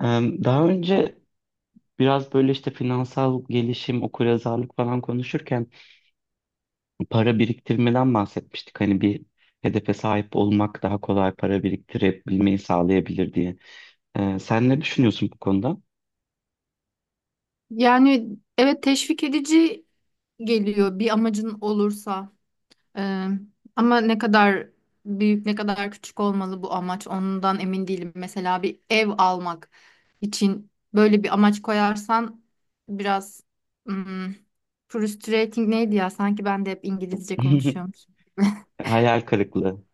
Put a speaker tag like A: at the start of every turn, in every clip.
A: Daha önce biraz böyle işte finansal gelişim, okuryazarlık falan konuşurken para biriktirmeden bahsetmiştik. Hani bir hedefe sahip olmak daha kolay para biriktirebilmeyi sağlayabilir diye. Sen ne düşünüyorsun bu konuda?
B: Yani evet teşvik edici geliyor bir amacın olursa. Ee, ama ne kadar büyük ne kadar küçük olmalı bu amaç ondan emin değilim. Mesela bir ev almak için böyle bir amaç koyarsan biraz hmm, frustrating neydi ya? Sanki ben de hep İngilizce konuşuyormuşum.
A: Hayal kırıklığı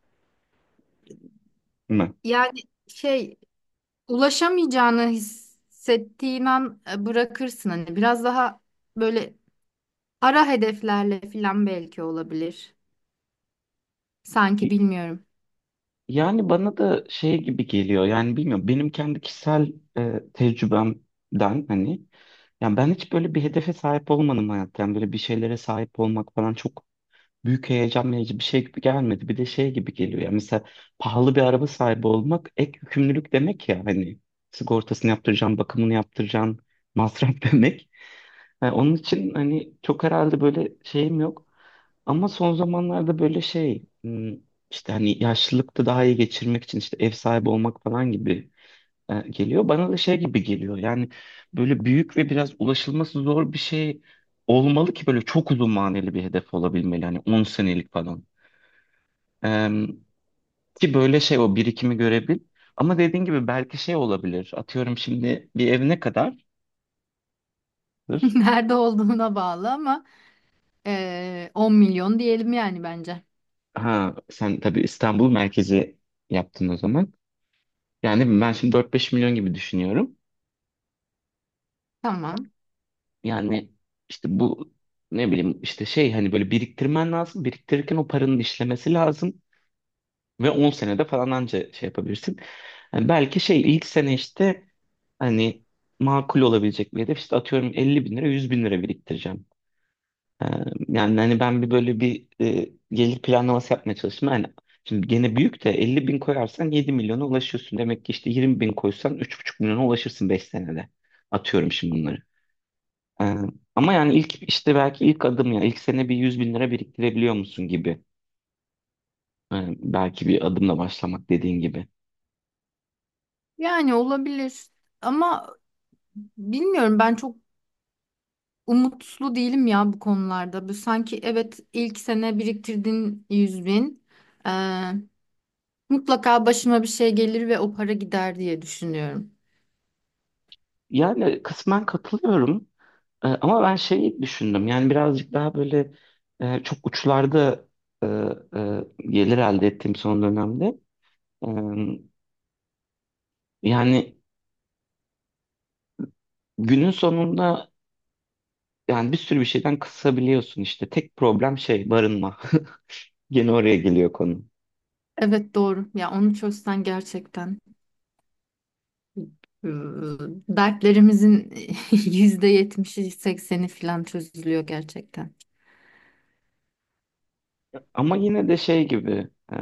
A: mı?
B: Yani şey ulaşamayacağını hissettiğin an bırakırsın hani biraz daha böyle ara hedeflerle falan belki olabilir. Sanki bilmiyorum.
A: Yani bana da şey gibi geliyor. Yani bilmiyorum. Benim kendi kişisel tecrübemden hani yani ben hiç böyle bir hedefe sahip olmadım hayatta. Yani böyle bir şeylere sahip olmak falan çok büyük heyecan verici bir şey gibi gelmedi. Bir de şey gibi geliyor ya, mesela pahalı bir araba sahibi olmak ek yükümlülük demek ya hani, sigortasını yaptıracaksın, bakımını yaptıracaksın, masraf demek. Yani onun için hani çok herhalde böyle şeyim yok. Ama son zamanlarda böyle şey işte hani yaşlılıkta daha iyi geçirmek için işte ev sahibi olmak falan gibi geliyor. Bana da şey gibi geliyor. Yani böyle büyük ve biraz ulaşılması zor bir şey olmalı ki böyle çok uzun maneli bir hedef olabilmeli. Hani 10 senelik falan. E, ki böyle şey o birikimi görebil. Ama dediğin gibi belki şey olabilir. Atıyorum şimdi, bir ev ne kadardır?
B: Nerede olduğuna bağlı ama 10 milyon diyelim yani bence.
A: Ha sen tabii İstanbul merkezi yaptın o zaman. Yani ben şimdi 4-5 milyon gibi düşünüyorum.
B: Tamam.
A: Yani işte bu, ne bileyim işte şey, hani böyle biriktirmen lazım. Biriktirirken o paranın işlemesi lazım. Ve 10 senede falan anca şey yapabilirsin. Yani belki şey ilk sene, işte hani makul olabilecek bir hedef, işte atıyorum 50 bin lira 100 bin lira biriktireceğim. Ee, Yani hani ben bir böyle bir gelir planlaması yapmaya çalıştım. Yani şimdi gene büyük de 50 bin koyarsan 7 milyona ulaşıyorsun. Demek ki işte 20 bin koysan 3,5 milyona ulaşırsın 5 senede. Atıyorum şimdi bunları. Ee, Ama yani ilk işte, belki ilk adım, ya ilk sene bir 100 bin lira biriktirebiliyor musun gibi. Belki bir adımla başlamak, dediğin gibi.
B: Yani olabilir. Ama bilmiyorum ben çok umutlu değilim ya bu konularda. Bu sanki evet ilk sene biriktirdiğin 100 bin. eee, Mutlaka başıma bir şey gelir ve o para gider diye düşünüyorum.
A: Yani kısmen katılıyorum. Ama ben şeyi düşündüm, yani birazcık daha böyle çok uçlarda gelir elde ettiğim son dönemde. E, yani günün sonunda, yani bir sürü bir şeyden kısabiliyorsun, işte tek problem şey, barınma gene oraya geliyor konu.
B: Evet doğru. Ya onu çözsen gerçekten eee, dertlerimizin %70'i 80'i falan çözülüyor gerçekten.
A: Ama yine de şey gibi,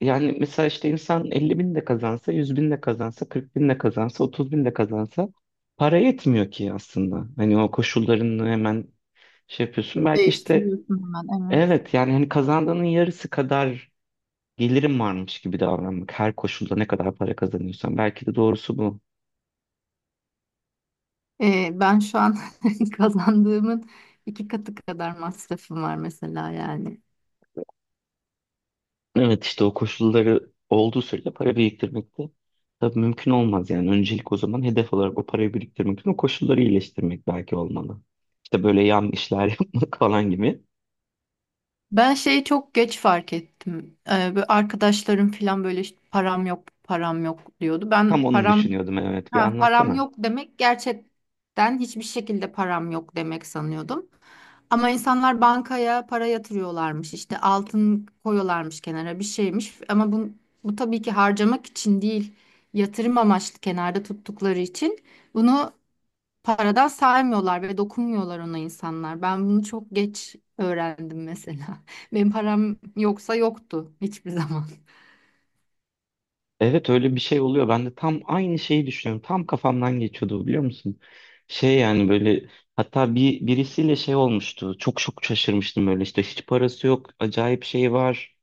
A: yani mesela işte insan 50 bin de kazansa, 100 bin de kazansa, 40 bin de kazansa, 30 bin de kazansa para yetmiyor ki aslında. Hani o koşullarını hemen şey yapıyorsun. Belki işte.
B: Değiştiriyorsun hemen, evet.
A: Evet, yani hani kazandığının yarısı kadar gelirim varmış gibi davranmak. Her koşulda, ne kadar para kazanıyorsan. Belki de doğrusu bu.
B: Ben şu an kazandığımın iki katı kadar masrafım var mesela yani.
A: Evet, işte o koşulları olduğu sürece para biriktirmek de tabii mümkün olmaz. Yani öncelik o zaman hedef olarak, o parayı biriktirmek için o koşulları iyileştirmek belki olmalı. İşte böyle yan işler yapmak falan gibi.
B: Ben şeyi çok geç fark ettim. Böyle arkadaşlarım falan böyle işte param yok param yok diyordu. Ben
A: Tam onu
B: param
A: düşünüyordum, evet, bir
B: Ha, param
A: anlatsana.
B: yok demek gerçekten hiçbir şekilde param yok demek sanıyordum. Ama insanlar bankaya para yatırıyorlarmış, işte altın koyuyorlarmış kenara bir şeymiş. Ama bu, bu tabii ki harcamak için değil, yatırım amaçlı kenarda tuttukları için bunu paradan saymıyorlar ve dokunmuyorlar ona insanlar. Ben bunu çok geç öğrendim mesela. Benim param yoksa yoktu hiçbir zaman.
A: Evet, öyle bir şey oluyor. Ben de tam aynı şeyi düşünüyorum. Tam kafamdan geçiyordu bu, biliyor musun? Şey yani, böyle hatta bir birisiyle şey olmuştu. Çok çok şaşırmıştım, böyle işte hiç parası yok. Acayip şey var.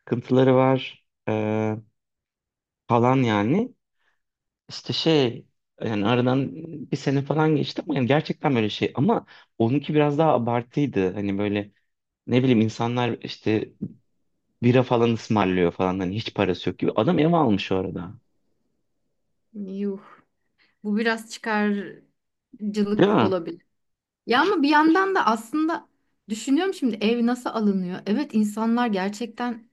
A: Sıkıntıları var, falan yani. İşte şey, yani aradan bir sene falan geçti ama yani gerçekten böyle şey. Ama onunki biraz daha abartıydı. Hani böyle ne bileyim, insanlar işte bira falan ısmarlıyor falan. Hani hiç parası yok gibi. Adam ev almış o arada.
B: Yuh, bu biraz
A: Değil
B: çıkarcılık
A: mi?
B: olabilir. Ya ama bir yandan da aslında düşünüyorum, şimdi ev nasıl alınıyor? Evet, insanlar gerçekten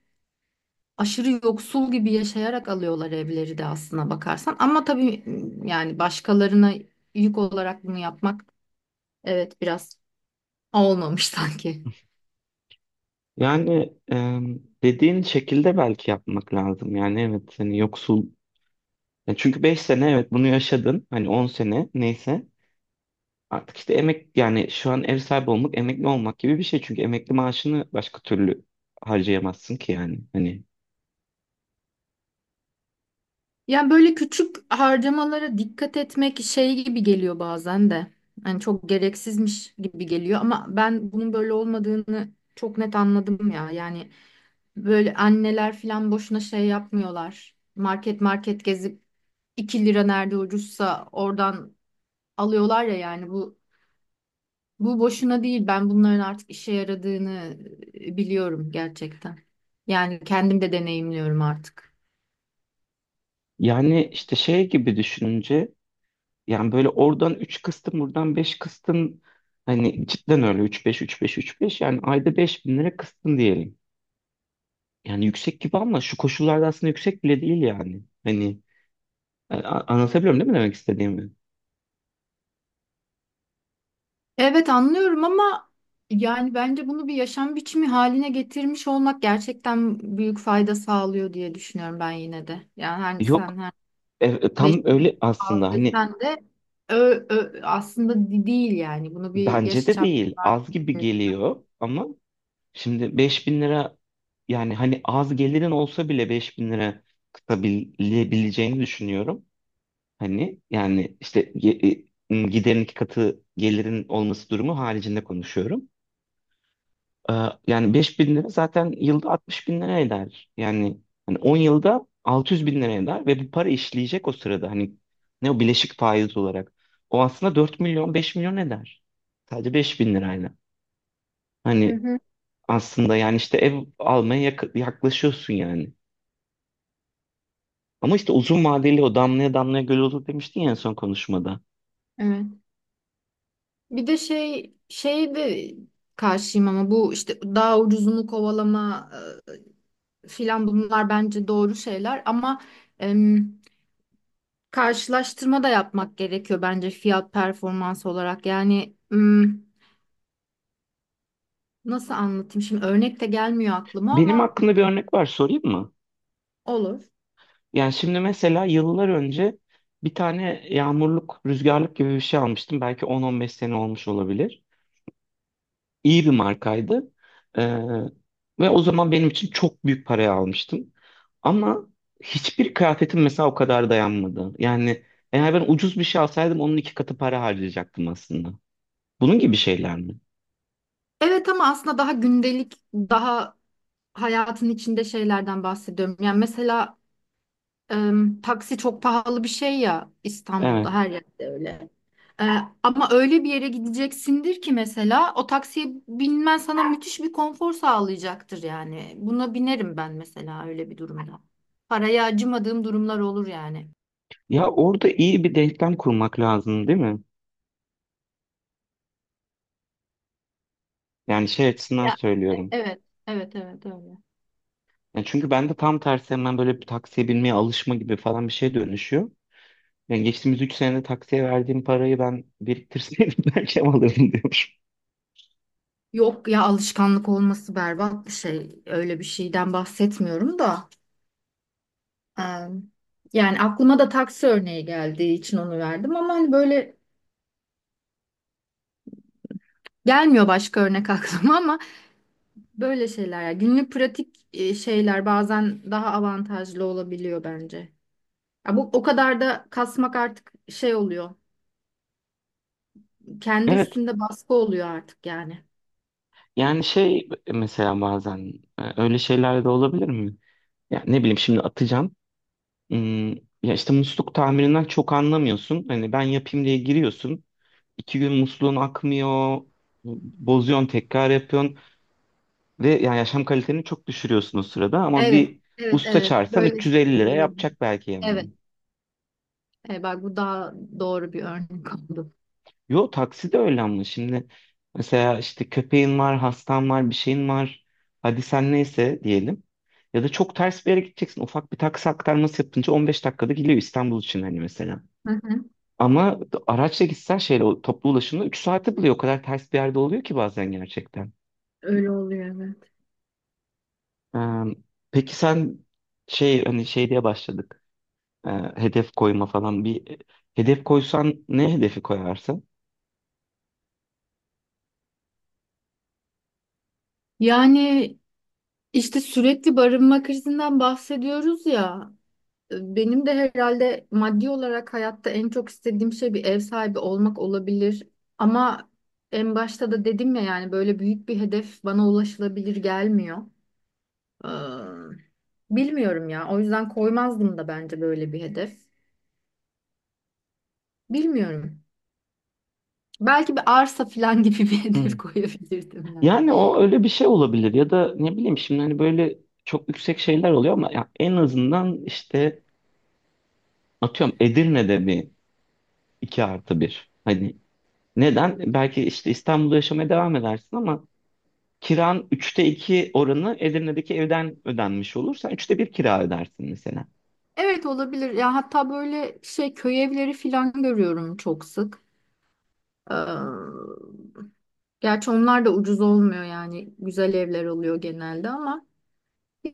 B: aşırı yoksul gibi yaşayarak alıyorlar evleri de aslına bakarsan. Ama tabii yani başkalarına yük olarak bunu yapmak, evet, biraz olmamış sanki.
A: Yani dediğin şekilde belki yapmak lazım. Yani evet, hani yoksul. Ya çünkü 5 sene evet bunu yaşadın. Hani 10 sene neyse. Artık işte emek, yani şu an ev sahibi olmak emekli olmak gibi bir şey. Çünkü emekli maaşını başka türlü harcayamazsın ki yani. Hani
B: Yani böyle küçük harcamalara dikkat etmek şey gibi geliyor bazen de. Hani çok gereksizmiş gibi geliyor ama ben bunun böyle olmadığını çok net anladım ya. Yani böyle anneler falan boşuna şey yapmıyorlar. Market market gezip 2 lira nerede ucuzsa oradan alıyorlar ya, yani bu bu boşuna değil. Ben bunların artık işe yaradığını biliyorum gerçekten. Yani kendim de deneyimliyorum artık.
A: yani işte şey gibi düşününce, yani böyle oradan 3 kıstın, buradan 5 kıstın, hani cidden, öyle üç beş üç beş üç beş, yani ayda 5 bin lira kıstın diyelim. Yani yüksek gibi ama şu koşullarda aslında yüksek bile değil yani. Hani anlatabiliyorum değil mi demek istediğimi?
B: Evet, anlıyorum ama yani bence bunu bir yaşam biçimi haline getirmiş olmak gerçekten büyük fayda sağlıyor diye düşünüyorum ben yine de. Yani sen
A: Yok,
B: Beş
A: tam öyle
B: az
A: aslında, hani
B: desen de ö, aslında değil yani. Bunu bir
A: bence de
B: yaşam
A: değil, az gibi
B: tarzı.
A: geliyor ama şimdi 5 bin lira, yani hani az gelirin olsa bile 5 bin lira kıtabilebileceğini düşünüyorum. Hani yani işte giderin 2 katı gelirin olması durumu haricinde konuşuyorum. Ee, Yani 5 bin lira zaten yılda 60 bin lira eder. Yani hani 10 yılda 600 bin lira eder ve bu para işleyecek o sırada. Hani ne, o bileşik faiz olarak. O aslında 4 milyon 5 milyon eder. Sadece 5 bin lirayla.
B: Hı
A: Hani
B: hı.
A: aslında yani işte ev almaya yaklaşıyorsun yani. Ama işte uzun vadeli, o damlaya damlaya göl olur demiştin ya en son konuşmada.
B: Evet. Bir de şey de karşıyım ama bu işte daha ucuzunu kovalama filan, bunlar bence doğru şeyler ama em, karşılaştırma da yapmak gerekiyor bence, fiyat performans olarak. Yani nasıl anlatayım şimdi, örnek de gelmiyor aklıma
A: Benim
B: ama
A: aklımda bir örnek var, sorayım mı?
B: olur.
A: Yani şimdi mesela yıllar önce bir tane yağmurluk, rüzgarlık gibi bir şey almıştım. Belki 10-15 sene olmuş olabilir. İyi bir markaydı. Ee, Ve o zaman benim için çok büyük paraya almıştım. Ama hiçbir kıyafetim mesela o kadar dayanmadı. Yani eğer ben ucuz bir şey alsaydım onun 2 katı para harcayacaktım aslında. Bunun gibi şeyler mi?
B: Evet, ama aslında daha gündelik, daha hayatın içinde şeylerden bahsediyorum. Yani mesela taksi çok pahalı bir şey ya,
A: Evet.
B: İstanbul'da her yerde öyle. E, ama öyle bir yere gideceksindir ki mesela o taksiye binmen sana müthiş bir konfor sağlayacaktır yani. Buna binerim ben mesela öyle bir durumda. Paraya acımadığım durumlar olur yani.
A: Ya orada iyi bir denklem kurmak lazım, değil mi? Yani şey açısından
B: Ya,
A: söylüyorum.
B: evet, evet, evet öyle.
A: Ya çünkü ben de tam tersi, hemen böyle bir taksiye binmeye alışma gibi falan bir şey dönüşüyor. Yani geçtiğimiz 3 senede taksiye verdiğim parayı ben biriktirseydim belki alırdım diyormuşum.
B: Yok ya, alışkanlık olması berbat bir şey. Öyle bir şeyden bahsetmiyorum da. Eee, Yani aklıma da taksi örneği geldiği için onu verdim ama hani böyle gelmiyor başka örnek aklıma ama böyle şeyler yani günlük pratik şeyler bazen daha avantajlı olabiliyor bence. Ya, bu o kadar da kasmak artık şey oluyor. Kendi
A: Evet,
B: üstünde baskı oluyor artık yani.
A: yani şey mesela bazen öyle şeyler de olabilir mi? Ya ne bileyim şimdi, atacağım. Hmm, Ya işte musluk tamirinden çok anlamıyorsun. Hani ben yapayım diye giriyorsun. 2 gün musluğun akmıyor. Bozuyorsun, tekrar yapıyorsun. Ve yani yaşam kaliteni çok düşürüyorsun o sırada, ama
B: Evet,
A: bir
B: evet,
A: usta
B: evet.
A: çağırsan
B: Böyle
A: 350
B: şeyler
A: lira
B: olabilir.
A: yapacak belki
B: Evet.
A: yani.
B: E, bak bu daha doğru bir örnek oldu.
A: Yo taksi de öyle, ama şimdi mesela işte köpeğin var, hastan var, bir şeyin var. Hadi sen neyse diyelim. Ya da çok ters bir yere gideceksin. Ufak bir taksi aktarması yapınca 15 dakikada geliyor İstanbul için hani mesela.
B: Hı hı.
A: Ama araçla gitsen şeyle, o toplu ulaşımla 3 saati buluyor. O kadar ters bir yerde oluyor ki bazen, gerçekten.
B: Öyle oluyor, evet.
A: Ee, peki sen, şey hani şey diye başladık. Ee, Hedef koyma falan, bir hedef koysan ne hedefi koyarsın?
B: Yani İşte sürekli barınma krizinden bahsediyoruz ya. Benim de herhalde maddi olarak hayatta en çok istediğim şey bir ev sahibi olmak olabilir. Ama en başta da dedim ya, yani böyle büyük bir hedef bana ulaşılabilir gelmiyor. Ee, bilmiyorum ya. O yüzden koymazdım da bence böyle bir hedef. Bilmiyorum. Belki bir arsa falan gibi bir hedef
A: Hı.
B: koyabilirdim yani.
A: Yani o öyle bir şey olabilir ya da ne bileyim şimdi, hani böyle çok yüksek şeyler oluyor ama ya en azından işte atıyorum Edirne'de bir 2+1. Hani neden? Belki işte İstanbul'da yaşamaya devam edersin ama kiran 2/3 oranı Edirne'deki evden ödenmiş olur. Sen 3'te 1 kira ödersin mesela.
B: Evet, olabilir. Ya hatta böyle şey köy evleri falan görüyorum çok sık. Ee, Gerçi onlar da ucuz olmuyor yani. Güzel evler oluyor genelde ama.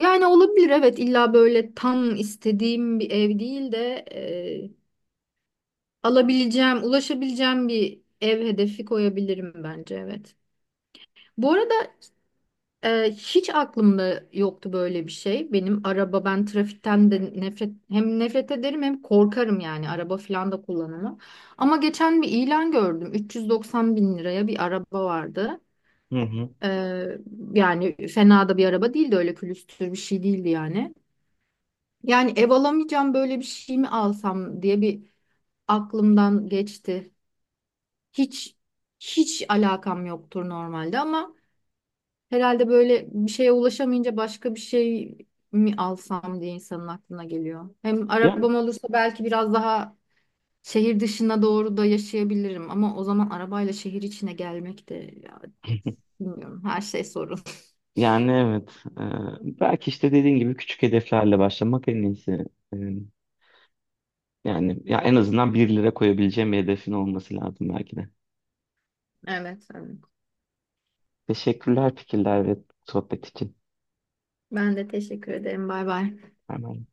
B: Yani olabilir, evet, illa böyle tam istediğim bir ev değil de alabileceğim, ulaşabileceğim bir ev hedefi koyabilirim bence, evet. Bu arada hiç aklımda yoktu böyle bir şey. Benim araba, ben trafikten de hem nefret ederim hem korkarım, yani araba falan da kullanamam. Ama geçen bir ilan gördüm. 390 bin liraya bir araba vardı.
A: Hı hı.
B: Ee, yani fena da bir araba değildi, öyle külüstür bir şey değildi yani. Yani ev alamayacağım, böyle bir şey mi alsam diye bir aklımdan geçti. Hiç hiç alakam yoktur normalde ama herhalde böyle bir şeye ulaşamayınca başka bir şey mi alsam diye insanın aklına geliyor. Hem
A: Yani,
B: arabam olursa belki biraz daha şehir dışına doğru da yaşayabilirim ama o zaman arabayla şehir içine gelmek de ya, bilmiyorum, her şey sorun.
A: yani, evet. Belki işte dediğin gibi küçük hedeflerle başlamak en iyisi. Ee, Yani ya en azından 1 lira koyabileceğim bir hedefin olması lazım belki de.
B: Evet, evet.
A: Teşekkürler, fikirler ve sohbet için.
B: Ben de teşekkür ederim. Bay bay.
A: Erman.